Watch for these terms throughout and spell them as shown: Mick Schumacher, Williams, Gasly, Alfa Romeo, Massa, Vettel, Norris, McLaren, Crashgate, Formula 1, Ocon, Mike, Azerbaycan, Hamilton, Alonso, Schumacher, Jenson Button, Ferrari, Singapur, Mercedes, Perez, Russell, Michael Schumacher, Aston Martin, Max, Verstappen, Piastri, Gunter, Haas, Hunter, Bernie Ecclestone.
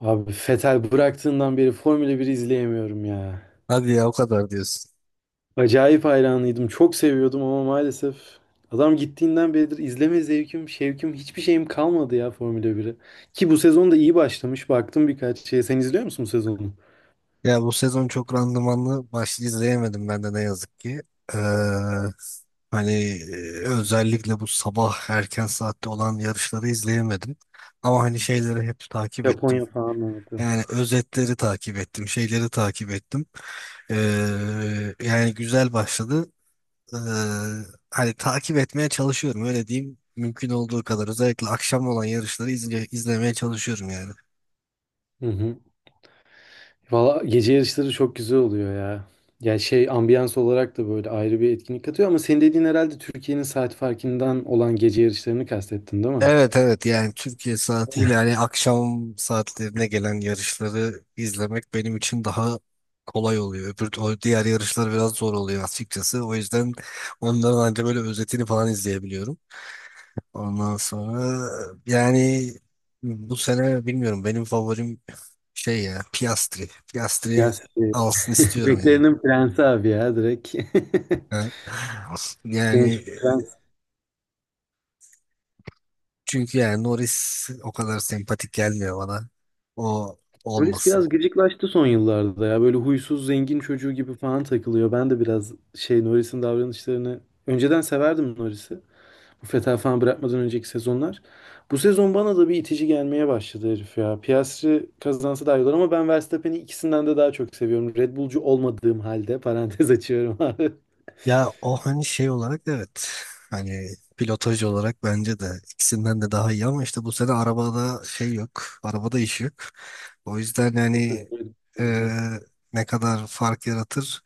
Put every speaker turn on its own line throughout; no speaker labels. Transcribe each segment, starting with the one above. Abi Vettel bıraktığından beri Formula 1 izleyemiyorum ya.
Hadi ya, o kadar diyorsun.
Acayip hayranıydım. Çok seviyordum ama maalesef adam gittiğinden beridir izleme zevkim, şevkim, hiçbir şeyim kalmadı ya Formula 1'e. Ki bu sezon da iyi başlamış. Baktım birkaç şeye. Sen izliyor musun bu sezonu?
Ya, bu sezon çok randımanlı maç izleyemedim ben de ne yazık ki. Ee, hani Özellikle bu sabah erken saatte olan yarışları izleyemedim. Ama hani şeyleri hep takip ettim.
Japonya falan vardı.
Yani özetleri takip ettim, şeyleri takip ettim. Yani güzel başladı. e, Hani takip etmeye çalışıyorum, öyle diyeyim. Mümkün olduğu kadar özellikle akşam olan yarışları izlemeye çalışıyorum yani.
Hı hı. Valla gece yarışları çok güzel oluyor ya. Ya şey, ambiyans olarak da böyle ayrı bir etkinlik katıyor ama senin dediğin herhalde Türkiye'nin saat farkından olan gece yarışlarını kastettin değil mi?
Evet, evet, yani Türkiye saatiyle, yani akşam saatlerine gelen yarışları izlemek benim için daha kolay oluyor. O diğer yarışlar biraz zor oluyor açıkçası. O yüzden onların ancak böyle özetini falan izleyebiliyorum. Ondan sonra yani bu sene bilmiyorum, benim favorim şey ya, Piastri.
Ya
Piastri
şey,
alsın istiyorum yani.
bebeklerinin prensi abi ya direkt.
Ha?
Genç
Yani
prens.
çünkü yani Norris o kadar sempatik gelmiyor bana. O
Polis
olmasın.
biraz gıcıklaştı son yıllarda ya. Böyle huysuz zengin çocuğu gibi falan takılıyor. Ben de biraz şey, Norris'in davranışlarını önceden severdim, Norris'i. Bu Fetal falan bırakmadan önceki sezonlar. Bu sezon bana da bir itici gelmeye başladı herif ya. Piastri kazansa daha iyi olur ama ben Verstappen'i ikisinden de daha çok seviyorum. Red Bull'cu olmadığım halde parantez açıyorum abi.
Ya, o hani şey olarak evet. Hani pilotaj olarak bence de ikisinden de daha iyi, ama işte bu sene arabada şey yok. Arabada iş yok. O yüzden
Çok kötü
yani
bir
e,
oyuncu.
ne kadar fark yaratır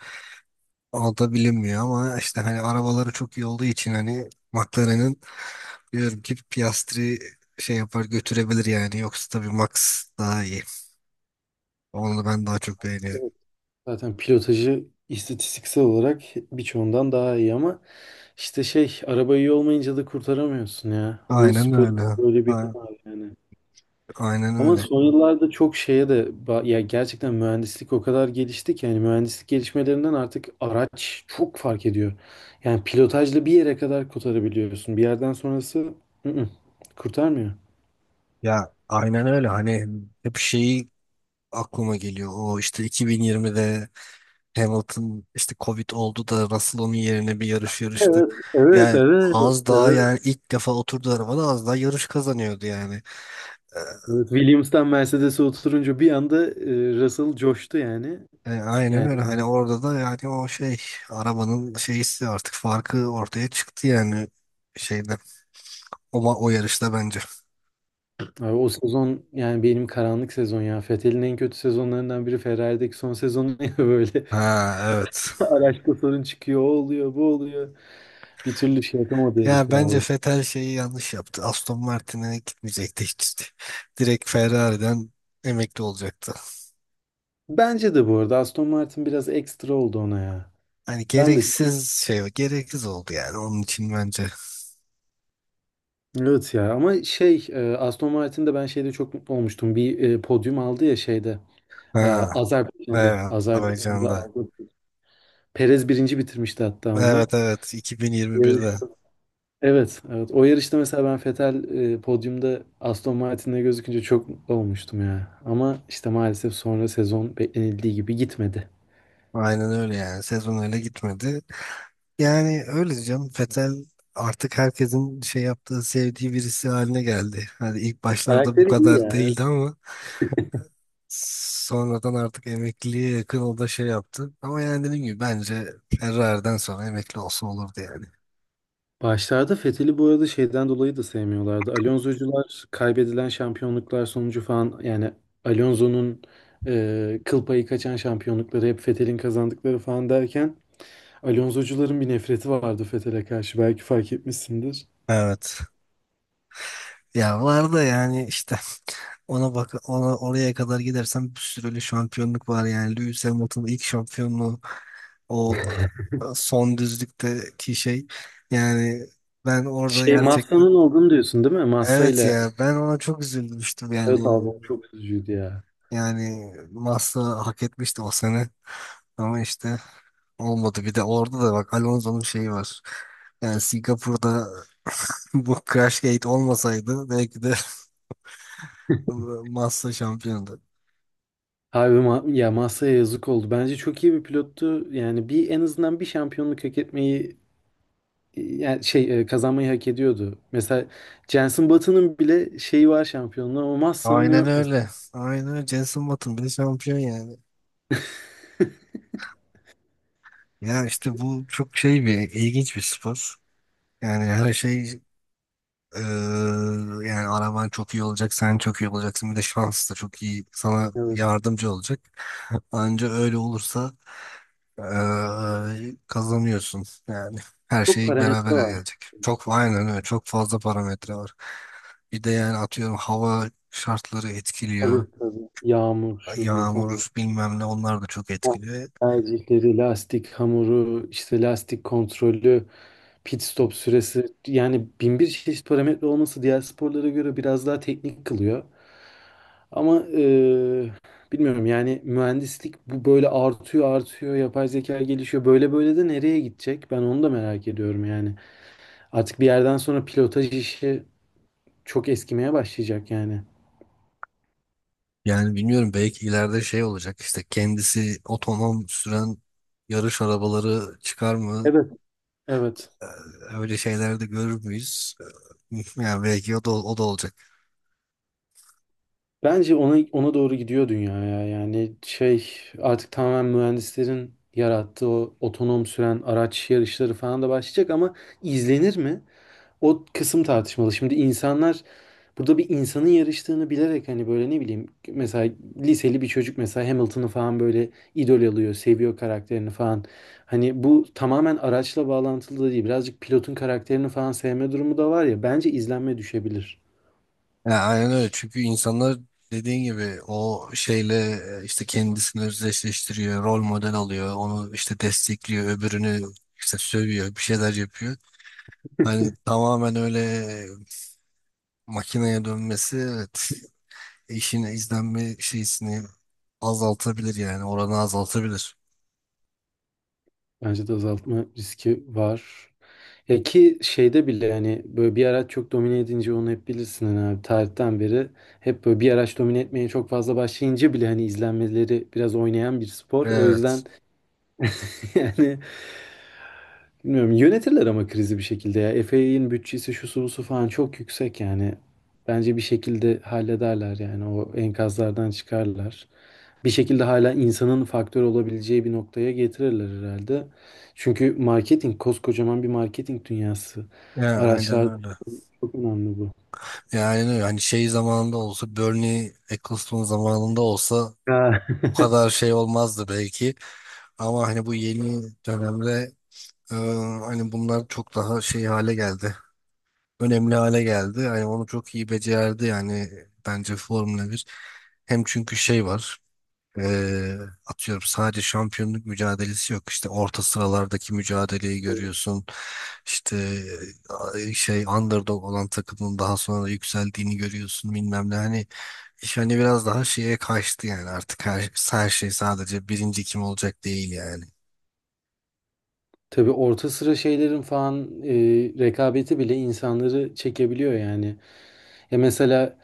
o da bilinmiyor, ama işte hani arabaları çok iyi olduğu için, hani McLaren'in, diyorum ki Piastri şey yapar, götürebilir yani. Yoksa tabii Max daha iyi. Onu ben daha çok beğeniyorum.
Evet. Zaten pilotajı istatistiksel olarak birçoğundan daha iyi ama işte şey, araba iyi olmayınca da kurtaramıyorsun ya. Bu
Aynen
spor
öyle.
böyle bir
A-
yanı var yani.
Aynen
Ama
öyle.
son yıllarda çok şeye de ya gerçekten mühendislik o kadar gelişti ki yani mühendislik gelişmelerinden artık araç çok fark ediyor. Yani pilotajla bir yere kadar kurtarabiliyorsun. Bir yerden sonrası ı-ı, kurtarmıyor.
Ya aynen öyle. Hani hep şeyi aklıma geliyor. O işte 2020'de Hamilton işte Covid oldu da Russell onun yerine bir yarış yarıştı.
Evet, evet,
Yani
evet,
az daha,
evet.
yani ilk defa oturdu arabada, az daha yarış kazanıyordu yani. Ee,
Evet, Williams'tan Mercedes'e oturunca bir anda Russell coştu yani.
E, aynen
Yani
öyle. Hani orada da yani o şey, arabanın şeysi, artık farkı ortaya çıktı yani, şeyde o, o yarışta bence.
abi o sezon yani benim karanlık sezon ya. Vettel'in en kötü sezonlarından biri Ferrari'deki son sezonu ya böyle.
Ha, evet.
Araçta sorun çıkıyor, o oluyor, bu oluyor. Bir türlü şey yapamadı herif
Ya
ya.
bence
O.
Vettel şeyi yanlış yaptı. Aston Martin'e gitmeyecekti hiç. Direkt Ferrari'den emekli olacaktı.
Bence de bu arada Aston Martin biraz ekstra oldu ona ya.
Hani
Ben de çok...
gereksiz şey, gereksiz oldu yani onun için bence.
Evet ya, ama şey Aston Martin'de ben şeyde çok mutlu olmuştum. Bir podyum aldı ya şeyde.
Ha,
Azerbaycan'da.
evet,
Azerbaycan'da
Azerbaycan'da.
aldı. Perez birinci bitirmişti hatta onu.
Evet, evet,
Evet.
2021'de.
Evet, evet. O yarışta mesela ben Vettel podyumda Aston Martin'le gözükünce çok mutlu olmuştum ya. Ama işte maalesef sonra sezon beklenildiği gibi gitmedi.
Aynen öyle yani. Sezon öyle gitmedi. Yani öyle canım. Fetel artık herkesin şey yaptığı, sevdiği birisi haline geldi. Hani ilk başlarda bu
Karakteri iyi
kadar
yani.
değildi ama sonradan artık emekliliğe yakın o da şey yaptı. Ama yani dediğim gibi bence Ferrari'den sonra emekli olsa olurdu yani.
Başlarda Fethel'i bu arada şeyden dolayı da sevmiyorlardı. Alonso'cular kaybedilen şampiyonluklar sonucu falan yani Alonso'nun kıl payı kaçan şampiyonlukları hep Fethel'in kazandıkları falan derken Alonso'cuların bir nefreti vardı Fethel'e karşı, belki fark etmişsindir.
Evet. Ya var da yani işte ona bak, ona oraya kadar gidersen bir sürü öyle şampiyonluk var, yani Lewis Hamilton'ın ilk şampiyonluğu, o, son düzlükteki şey, yani ben orada
Şey,
gerçekten,
Massa'nın olduğunu diyorsun değil mi? Massa
evet
ile
ya, ben ona çok üzülmüştüm yani.
evet abi, o çok üzücüydü ya.
Yani Massa hak etmişti o sene, ama işte olmadı. Bir de orada da bak, Alonso'nun şeyi var yani, Singapur'da, bu Crashgate olmasaydı belki de Massa şampiyondu.
Abi ya masaya yazık oldu. Bence çok iyi bir pilottu. Yani bir en azından bir şampiyonluk hak etmeyi yani şey kazanmayı hak ediyordu. Mesela Jenson Button'ın bile şeyi var, şampiyonluğu, ama Massa'nın
Aynen
yok mesela.
öyle, aynen öyle, Jenson Button bile şampiyon yani. Ya işte bu çok şey, bir ilginç bir spor yani. Her şey eee, yani, araban çok iyi olacak, sen çok iyi olacaksın, bir de şans da çok iyi sana
Evet.
yardımcı olacak. Anca öyle olursa eee, kazanıyorsun. Yani her
Çok
şey
parametre
beraber
var.
gelecek. Çok aynen öyle. Çok fazla parametre var. Bir de yani atıyorum hava şartları etkiliyor.
Tabii, tabii. Yağmur şu bu falan.
Yağmur bilmem ne, onlar da çok
Ha,
etkiliyor.
tercihleri, lastik hamuru, işte lastik kontrolü, pit stop süresi, yani bin bir çeşit parametre olması diğer sporlara göre biraz daha teknik kılıyor. Ama bilmiyorum yani mühendislik bu böyle artıyor artıyor, yapay zeka gelişiyor, böyle böyle de nereye gidecek, ben onu da merak ediyorum yani. Artık bir yerden sonra pilotaj işi çok eskimeye başlayacak yani.
Yani bilmiyorum, belki ileride şey olacak, işte kendisi otonom süren yarış arabaları çıkar mı?
Evet. Evet.
Ee, Öyle şeyler de görür müyüz? Yani belki o da olacak.
Bence ona, ona doğru gidiyor dünya ya. Yani şey, artık tamamen mühendislerin yarattığı o otonom süren araç yarışları falan da başlayacak ama izlenir mi? O kısım tartışmalı. Şimdi insanlar burada bir insanın yarıştığını bilerek hani böyle ne bileyim mesela liseli bir çocuk mesela Hamilton'ı falan böyle idol alıyor, seviyor karakterini falan. Hani bu tamamen araçla bağlantılı da değil. Birazcık pilotun karakterini falan sevme durumu da var ya. Bence izlenme düşebilir.
Yani aynen öyle, çünkü insanlar dediğin gibi o şeyle, işte kendisini özdeşleştiriyor, rol model alıyor, onu işte destekliyor, öbürünü işte sövüyor, bir şeyler yapıyor. Hani tamamen öyle makineye dönmesi, evet, işin izlenme şeysini azaltabilir yani, oranı azaltabilir.
Bence de azaltma riski var. Ya ki şeyde bile hani böyle bir araç çok domine edince onu hep bilirsin hani abi, tarihten beri hep böyle bir araç domine etmeye çok fazla başlayınca bile hani izlenmeleri biraz oynayan bir spor. O yüzden
Evet.
yani bilmiyorum, yönetirler ama krizi bir şekilde ya. FA'in bütçesi şusu busu falan çok yüksek yani. Bence bir şekilde hallederler yani, o enkazlardan çıkarlar. Bir şekilde hala insanın faktör olabileceği bir noktaya getirirler herhalde. Çünkü marketing, koskocaman bir marketing dünyası,
Ya aynen öyle.
çok önemli bu.
Ya aynen öyle. Hani şey zamanında olsa, Bernie Ecclestone zamanında olsa,
Ha.
bu kadar şey olmazdı belki. Ama hani bu yeni dönemde e, hani bunlar çok daha şey hale geldi. Önemli hale geldi. Yani onu çok iyi becerdi yani, bence Formula bir. Hem çünkü şey var. Ee, Atıyorum sadece şampiyonluk mücadelesi yok. İşte orta sıralardaki mücadeleyi görüyorsun. İşte şey, underdog olan takımın daha sonra yükseldiğini görüyorsun bilmem ne. Hani iş hani biraz daha şeye kaçtı yani, artık her şey sadece birinci kim olacak değil yani.
Tabii orta sıra şeylerin falan rekabeti bile insanları çekebiliyor yani. Ya mesela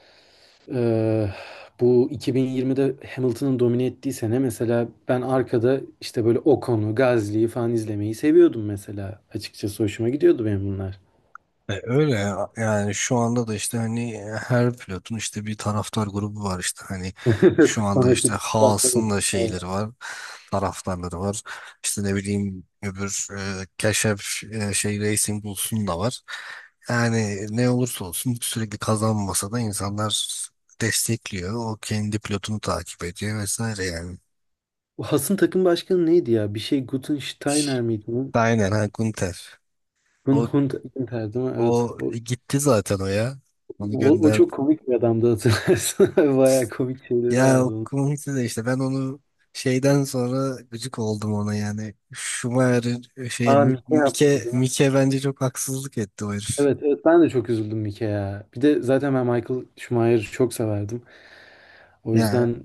e, bu 2020'de Hamilton'ın domine ettiği sene mesela ben arkada işte böyle Ocon'u, Gasly'yi falan izlemeyi seviyordum mesela. Açıkçası hoşuma gidiyordu benim bunlar.
E, öyle ya. Yani şu anda da işte hani her pilotun işte bir taraftar grubu var, işte hani
Evet,
şu anda
fanatik.
işte
Bak, evet.
Haas'ın da
Evet.
şeyleri var, taraftarları var, işte ne bileyim, öbür Keşef, şey Racing Bulls'un da var, yani ne olursa olsun sürekli kazanmasa da insanlar destekliyor, o kendi pilotunu takip ediyor vesaire yani.
O Has'ın takım başkanı neydi ya? Bir şey Gutensteiner miydi?
Aynen, ha, Gunter, o,
Hunter'dı mi? Evet.
o gitti zaten o ya, onu.
O, o çok komik bir adamdı, hatırlarsın. Bayağı komik şeyleri
Ya
vardı onun.
komikti de, işte ben onu şeyden sonra gıcık oldum ona yani. Schumacher'in şeye,
Aa,
Mi-
Mike yaptı
Mike
değil mi?
Mike bence çok haksızlık etti o herif.
Evet, evet, ben de çok üzüldüm Mike'ye. Bir de zaten ben Michael Schumacher'ı çok severdim. O
Ya
yüzden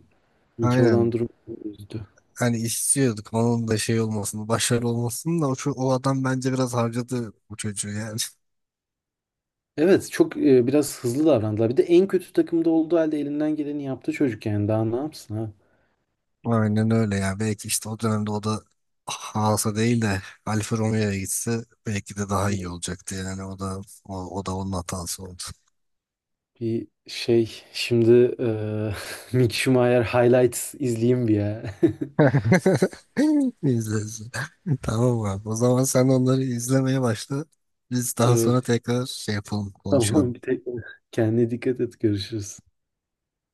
Mike
aynen,
olan durum beni üzdü.
hani istiyorduk onun da şey olmasını, başarılı olmasını da, o, o adam bence biraz harcadı bu çocuğu yani.
Evet çok biraz hızlı davrandılar. Bir de en kötü takımda olduğu halde elinden geleni yaptı çocuk yani. Daha ne yapsın ha?
Aynen öyle ya. Belki işte o dönemde o da Haas'a değil de Alfa Romeo'ya gitse belki de daha iyi olacaktı yani, o da o da onun hatası oldu.
Bir şey şimdi Mick Schumacher highlights izleyeyim bir ya.
İzleriz. Tamam abi. O zaman sen onları izlemeye başla. Biz daha
Evet,
sonra tekrar şey yapalım,
tamam, bir
konuşalım.
tek kendine dikkat et, görüşürüz.